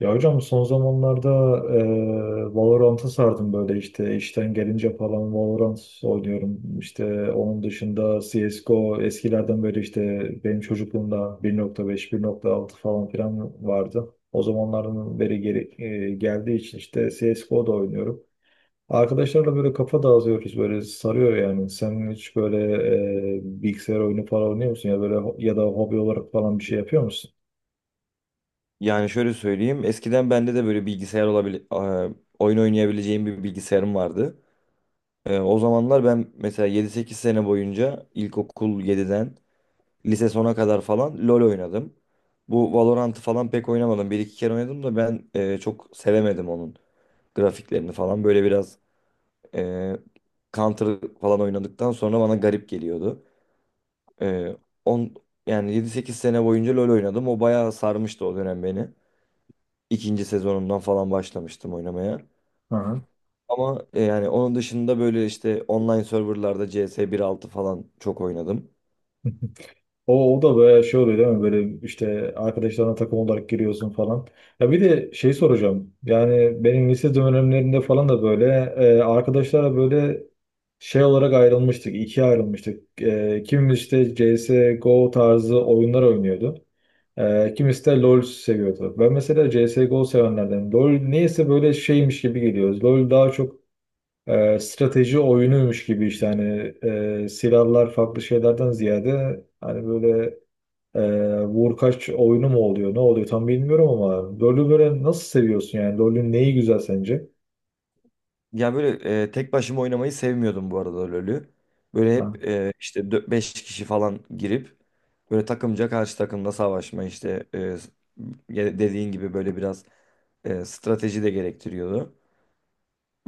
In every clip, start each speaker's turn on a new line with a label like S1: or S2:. S1: Ya hocam son zamanlarda Valorant'a sardım böyle işte işten gelince falan Valorant oynuyorum. İşte onun dışında CSGO eskilerden böyle işte benim çocukluğumda 1.5, 1.6 falan filan vardı. O zamanların beri geri, geldiği için işte CSGO'da oynuyorum. Arkadaşlarla böyle kafa dağıtıyoruz böyle sarıyor yani. Sen hiç böyle bilgisayar oyunu falan oynuyor musun ya böyle ya da hobi olarak falan bir şey yapıyor musun?
S2: Yani şöyle söyleyeyim. Eskiden bende de böyle bilgisayar oyun oynayabileceğim bir bilgisayarım vardı. O zamanlar ben mesela 7-8 sene boyunca ilkokul 7'den lise sona kadar falan LoL oynadım. Bu Valorant'ı falan pek oynamadım. Bir iki kere oynadım da ben çok sevemedim onun grafiklerini falan. Böyle biraz e, Counter falan oynadıktan sonra bana garip geliyordu. E, on, yani 7-8 sene boyunca LoL oynadım. O bayağı sarmıştı o dönem beni. İkinci sezonundan falan başlamıştım oynamaya.
S1: Hı.
S2: Ama yani onun dışında böyle işte online serverlarda CS 1.6 falan çok oynadım.
S1: O da böyle şey oluyor değil mi? Böyle işte arkadaşlarına takım olarak giriyorsun falan. Ya bir de şey soracağım. Yani benim lise dönemlerinde falan da böyle arkadaşlara böyle şey olarak ayrılmıştık. İkiye ayrılmıştık. Kimimiz işte CSGO tarzı oyunlar oynuyordu. Kimisi de LoL seviyordu. Ben mesela CSGO sevenlerden. LoL neyse böyle şeymiş gibi geliyoruz. LoL daha çok strateji oyunuymuş gibi işte hani silahlar farklı şeylerden ziyade hani böyle ee, vurkaç oyunu mu oluyor? Ne oluyor tam bilmiyorum ama LoL'ü böyle nasıl seviyorsun yani? LoL'ün neyi güzel sence?
S2: Yani böyle tek başıma oynamayı sevmiyordum bu arada LoL'ü. Böyle
S1: Ha.
S2: hep işte 5 kişi falan girip böyle takımca karşı takımda savaşma işte ya dediğin gibi böyle biraz strateji de gerektiriyordu.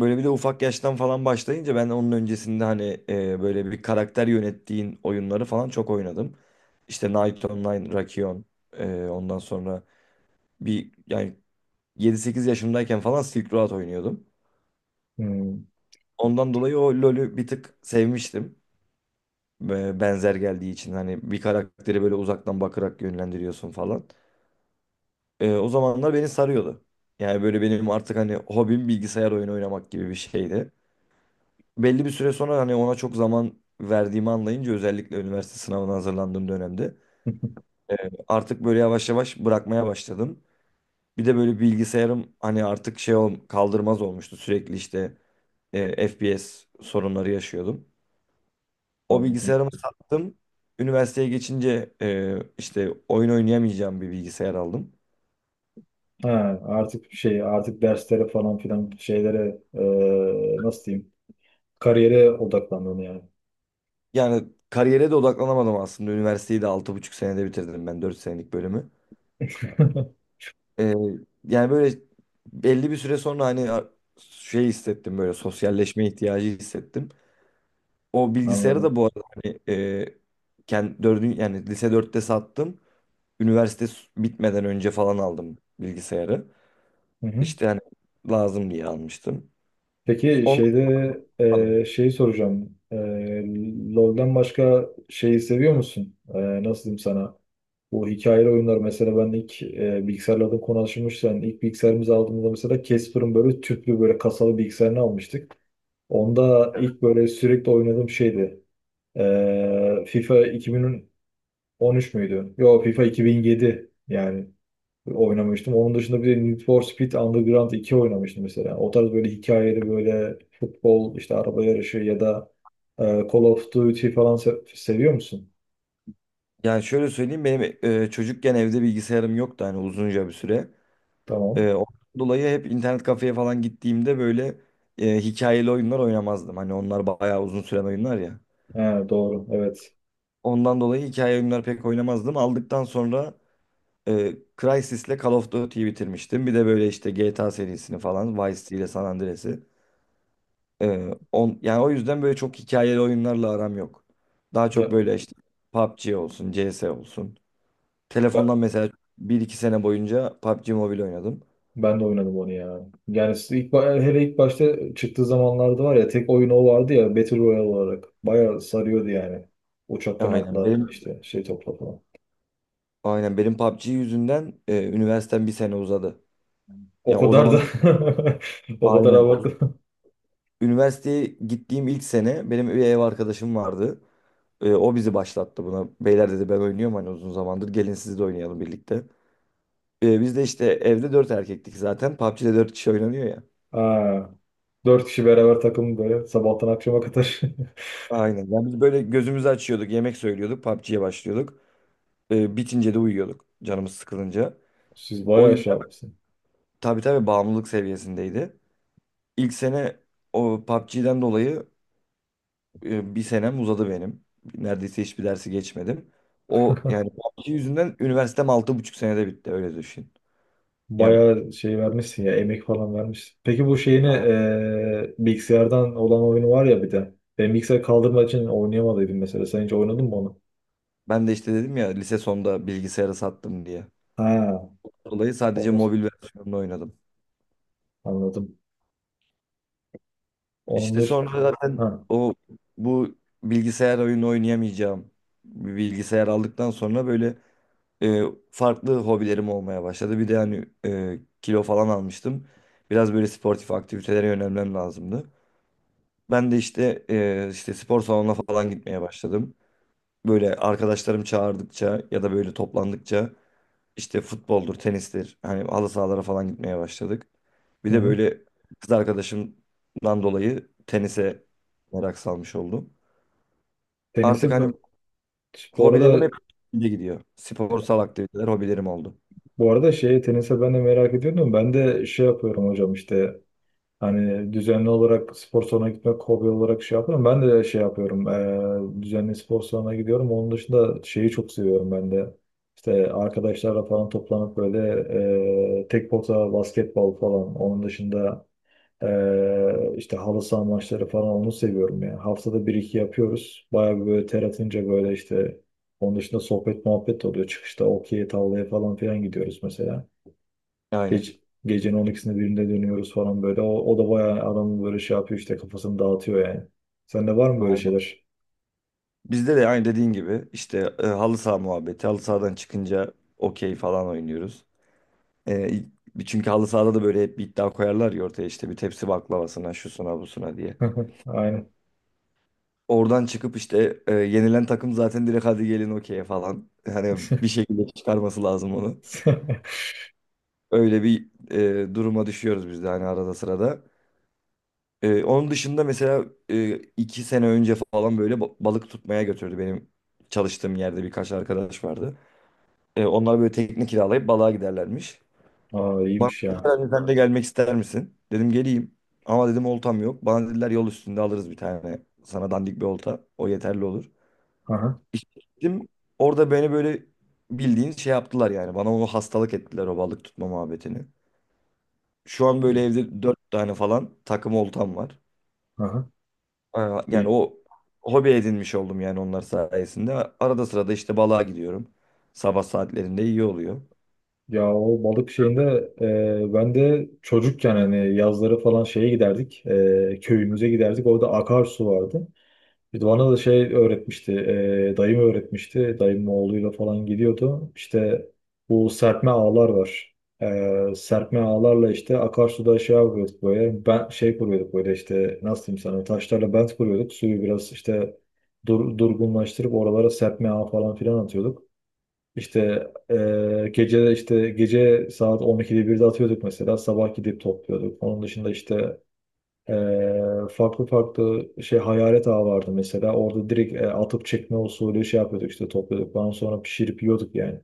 S2: Böyle bir de ufak yaştan falan başlayınca ben onun öncesinde hani böyle bir karakter yönettiğin oyunları falan çok oynadım. İşte Knight Online, Rakion, ondan sonra bir yani 7-8 yaşımdayken falan Silk Road oynuyordum.
S1: Hmm.
S2: Ondan dolayı o LoL'ü bir tık sevmiştim. Ve benzer geldiği için hani bir karakteri böyle uzaktan bakarak yönlendiriyorsun falan. O zamanlar beni sarıyordu. Yani böyle benim artık hani hobim bilgisayar oyunu oynamak gibi bir şeydi. Belli bir süre sonra hani ona çok zaman verdiğimi anlayınca özellikle üniversite sınavına hazırlandığım dönemde e, artık böyle yavaş yavaş bırakmaya başladım. Bir de böyle bilgisayarım hani artık kaldırmaz olmuştu, sürekli işte FPS sorunları yaşıyordum. O
S1: Anladım.
S2: bilgisayarımı sattım. Üniversiteye geçince işte oyun oynayamayacağım bir bilgisayar aldım.
S1: Ha, artık şey artık derslere falan filan şeylere nasıl diyeyim? Kariyere odaklandın yani.
S2: Yani kariyere de odaklanamadım aslında. Üniversiteyi de 6,5 senede bitirdim ben 4 senelik bölümü. Ee, yani böyle belli bir süre sonra hani şey hissettim, böyle sosyalleşme ihtiyacı hissettim. O bilgisayarı da
S1: Anladım.
S2: bu arada hani kendi dördün yani lise dörtte sattım. Bitmeden önce falan aldım bilgisayarı.
S1: Hı hı.
S2: İşte hani lazım diye almıştım.
S1: Peki
S2: Onu
S1: şeyde
S2: aldım.
S1: şeyi soracağım. LoL'den başka şeyi seviyor musun? Nasıl diyeyim sana? Bu hikayeli oyunlar mesela ben ilk bilgisayarla da konuşmuşken ilk bilgisayarımızı aldığımızda mesela Casper'ın böyle tüplü böyle kasalı bilgisayarını almıştık. Onda ilk böyle sürekli oynadığım şeydi. FIFA 2013 müydü? Yo, FIFA 2007 yani oynamıştım. Onun dışında bir de Need for Speed Underground 2 oynamıştım mesela. O tarz böyle hikayeli böyle futbol işte araba yarışı ya da Call of Duty falan seviyor musun?
S2: Yani şöyle söyleyeyim, benim çocukken evde bilgisayarım yoktu hani uzunca bir süre.
S1: Tamam.
S2: Ondan dolayı hep internet kafeye falan gittiğimde böyle hikayeli oyunlar oynamazdım. Hani onlar bayağı uzun süren oyunlar ya.
S1: He, doğru, evet.
S2: Ondan dolayı hikaye oyunları pek oynamazdım. Aldıktan sonra e, Crysis'le Call of Duty'yi bitirmiştim. Bir de böyle işte GTA serisini falan, Vice City ile San Andreas'ı. Yani o yüzden böyle çok hikayeli oyunlarla aram yok. Daha çok
S1: Ya-
S2: böyle işte PUBG olsun, CS olsun. Telefondan mesela bir iki sene boyunca PUBG Mobile oynadım.
S1: Ben de oynadım onu ya. Yani siz ilk, hele ilk başta çıktığı zamanlarda var ya tek oyun o vardı ya Battle Royale olarak. Bayağı sarıyordu yani. Uçaktan
S2: Aynen
S1: atla
S2: benim
S1: işte şey topla falan.
S2: aynen benim PUBG yüzünden üniversitem bir sene uzadı.
S1: O
S2: Yani o
S1: kadar
S2: zaman
S1: da o kadar
S2: aynen o-
S1: abartı.
S2: üniversiteye gittiğim ilk sene benim bir ev arkadaşım vardı. O bizi başlattı buna. Beyler dedi, ben oynuyorum hani uzun zamandır. Gelin siz de oynayalım birlikte. Biz de işte evde dört erkektik zaten. PUBG'de dört kişi oynanıyor ya.
S1: Ha, dört kişi beraber takım böyle sabahtan akşama kadar.
S2: Aynen. Yani biz böyle gözümüzü açıyorduk, yemek söylüyorduk, PUBG'ye başlıyorduk. Bitince de uyuyorduk canımız sıkılınca.
S1: Siz
S2: O
S1: bayağı
S2: yüzden
S1: şey yapmışsın.
S2: tabii tabii bağımlılık seviyesindeydi. İlk sene o PUBG'den dolayı bir senem uzadı benim. Neredeyse hiçbir dersi geçmedim. O yani PUBG yüzünden üniversitem 6,5 senede bitti öyle düşün. Yani
S1: Bayağı şey vermişsin ya, emek falan vermişsin. Peki bu şeyini bilgisayardan olan oyunu var ya bir de. Ben bilgisayar kaldırmak için oynayamadıydım mesela. Sen hiç oynadın mı onu?
S2: ben de işte dedim ya lise sonunda bilgisayarı sattım diye.
S1: Ha,
S2: Dolayı sadece
S1: onu.
S2: mobil versiyonunu oynadım.
S1: Anladım. Onun
S2: İşte
S1: dış...
S2: sonra zaten
S1: Ha.
S2: o bu bilgisayar oyunu oynayamayacağım bir bilgisayar aldıktan sonra böyle e, farklı hobilerim olmaya başladı. Bir de hani kilo falan almıştım. Biraz böyle sportif aktivitelere yönelmem lazımdı. Ben de işte işte spor salonuna falan gitmeye başladım. Böyle arkadaşlarım çağırdıkça ya da böyle toplandıkça İşte futboldur, tenistir. Hani halı sahalara falan gitmeye başladık. Bir
S1: Hı
S2: de
S1: hı.
S2: böyle kız arkadaşımdan dolayı tenise merak salmış oldum. Artık
S1: Tenisi
S2: hani
S1: bu bu
S2: hobilerim
S1: arada
S2: hep de gidiyor. Sporsal aktiviteler hobilerim oldu.
S1: bu arada, şey tenise ben de merak ediyordum. Ben de şey yapıyorum hocam işte hani düzenli olarak spor salonuna gitmek hobi olarak şey yapıyorum. Ben de şey yapıyorum. Düzenli spor salonuna gidiyorum. Onun dışında şeyi çok seviyorum ben de. İşte arkadaşlarla falan toplanıp böyle tek pota basketbol falan. Onun dışında işte halı saha maçları falan onu seviyorum yani. Haftada bir iki yapıyoruz. Bayağı bir böyle ter atınca böyle işte onun dışında sohbet muhabbet de oluyor. Çıkışta okey tavlaya falan filan gidiyoruz mesela.
S2: Aynen.
S1: Gece, gecenin 12'sinde 1'inde dönüyoruz falan böyle. O da bayağı adamın böyle şey yapıyor işte kafasını dağıtıyor yani. Sende var mı böyle
S2: Aynen.
S1: şeyler?
S2: Bizde de aynı dediğin gibi işte halı saha muhabbeti. Halı sahadan çıkınca okey falan oynuyoruz. E, Çünkü halı sahada da böyle hep bir iddia koyarlar ya ortaya, işte bir tepsi baklavasına, şusuna, busuna diye.
S1: Aynen.
S2: Oradan çıkıp işte yenilen takım zaten direkt hadi gelin okey falan. Hani bir şekilde çıkarması lazım onu. Öyle bir duruma düşüyoruz biz de hani arada sırada. Onun dışında mesela 2 sene önce falan böyle balık tutmaya götürdü. Benim çalıştığım yerde birkaç arkadaş vardı. Onlar böyle tekne kiralayıp balığa giderlermiş.
S1: Aa,
S2: Bana
S1: iyiymiş
S2: dediler,
S1: ya.
S2: "Hani sen de gelmek ister misin?" Dedim geleyim. Ama dedim oltam yok. Bana dediler yol üstünde alırız bir tane. Sana dandik bir olta. O yeterli olur.
S1: Aha.
S2: İşte gittim. Orada beni böyle bildiğin şey yaptılar yani. Bana onu hastalık ettiler, o balık tutma muhabbetini. Şu an böyle
S1: İyi.
S2: evde dört tane falan takım oltam var.
S1: Aha.
S2: Aa, yani
S1: İyi.
S2: o hobi edinmiş oldum yani onlar sayesinde. Arada sırada işte balığa gidiyorum. Sabah saatlerinde iyi oluyor.
S1: Ya, o balık şeyinde ben de çocukken hani yazları falan şeye giderdik. Köyümüze giderdik. Orada akarsu vardı. Bir de bana da şey öğretmişti. Dayım öğretmişti. Dayımın oğluyla falan gidiyordu. İşte bu serpme ağlar var. Serpme ağlarla işte akarsuda şey yapıyorduk böyle. Ben şey kuruyorduk böyle işte nasıl diyeyim sana, taşlarla bent kuruyorduk. Suyu biraz işte durgunlaştırıp oralara serpme ağı falan filan atıyorduk. İşte gece işte gece saat 12'de 1'de atıyorduk mesela sabah gidip topluyorduk. Onun dışında işte eee, farklı farklı şey hayalet ağı vardı mesela orada direkt atıp çekme usulü şey yapıyorduk işte topluyorduk. Ondan sonra pişirip yiyorduk yani.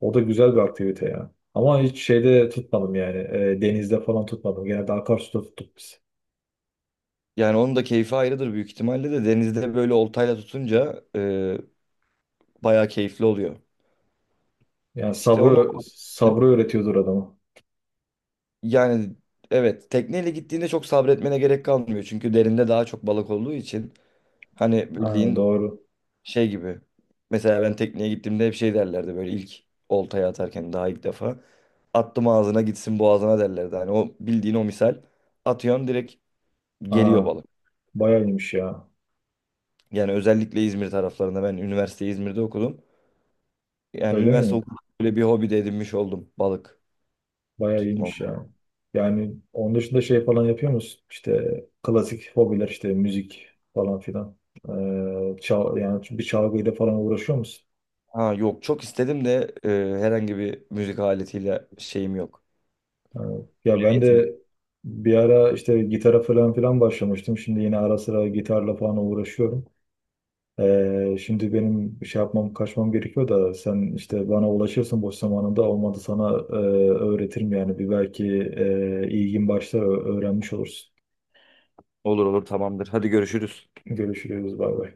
S1: O da güzel bir aktivite ya. Ama hiç şeyde tutmadım yani, denizde falan tutmadım. Genelde akarsuda tuttuk biz.
S2: Yani onun da keyfi ayrıdır büyük ihtimalle, de denizde böyle oltayla tutunca bayağı keyifli oluyor.
S1: Yani
S2: İşte onu
S1: sabrı sabrı öğretiyordur adamı.
S2: yani evet, tekneyle gittiğinde çok sabretmene gerek kalmıyor. Çünkü derinde daha çok balık olduğu için. Hani
S1: Ha,
S2: bildiğin
S1: doğru.
S2: şey gibi. Mesela ben tekneye gittiğimde hep şey derlerdi böyle, ilk oltayı atarken daha ilk defa. Attım ağzına gitsin, boğazına derlerdi. Hani o bildiğin o misal, atıyorsun direkt geliyor
S1: Aa,
S2: balık.
S1: bayağı iyiymiş ya.
S2: Yani özellikle İzmir taraflarında, ben üniversiteyi İzmir'de okudum. Yani
S1: Öyle
S2: üniversite
S1: mi?
S2: okudum böyle bir hobi de edinmiş oldum, balık
S1: Bayağı
S2: tutmam.
S1: iyiymiş yani. Yani onun dışında şey falan yapıyor musun? İşte klasik hobiler işte müzik falan filan. Yani bir çalgıyla falan uğraşıyor musun?
S2: Ha yok, çok istedim de herhangi bir müzik aletiyle şeyim yok.
S1: Yani, ya ben
S2: Yeteneğim.
S1: de bir ara işte gitara falan filan başlamıştım. Şimdi yine ara sıra gitarla falan uğraşıyorum. Şimdi benim bir şey yapmam kaçmam gerekiyor da sen işte bana ulaşırsın, boş zamanında olmadı sana öğretirim yani, bir belki ilgin başlar, öğrenmiş olursun.
S2: Olur olur, tamamdır. Hadi görüşürüz.
S1: Görüşürüz, bay bay.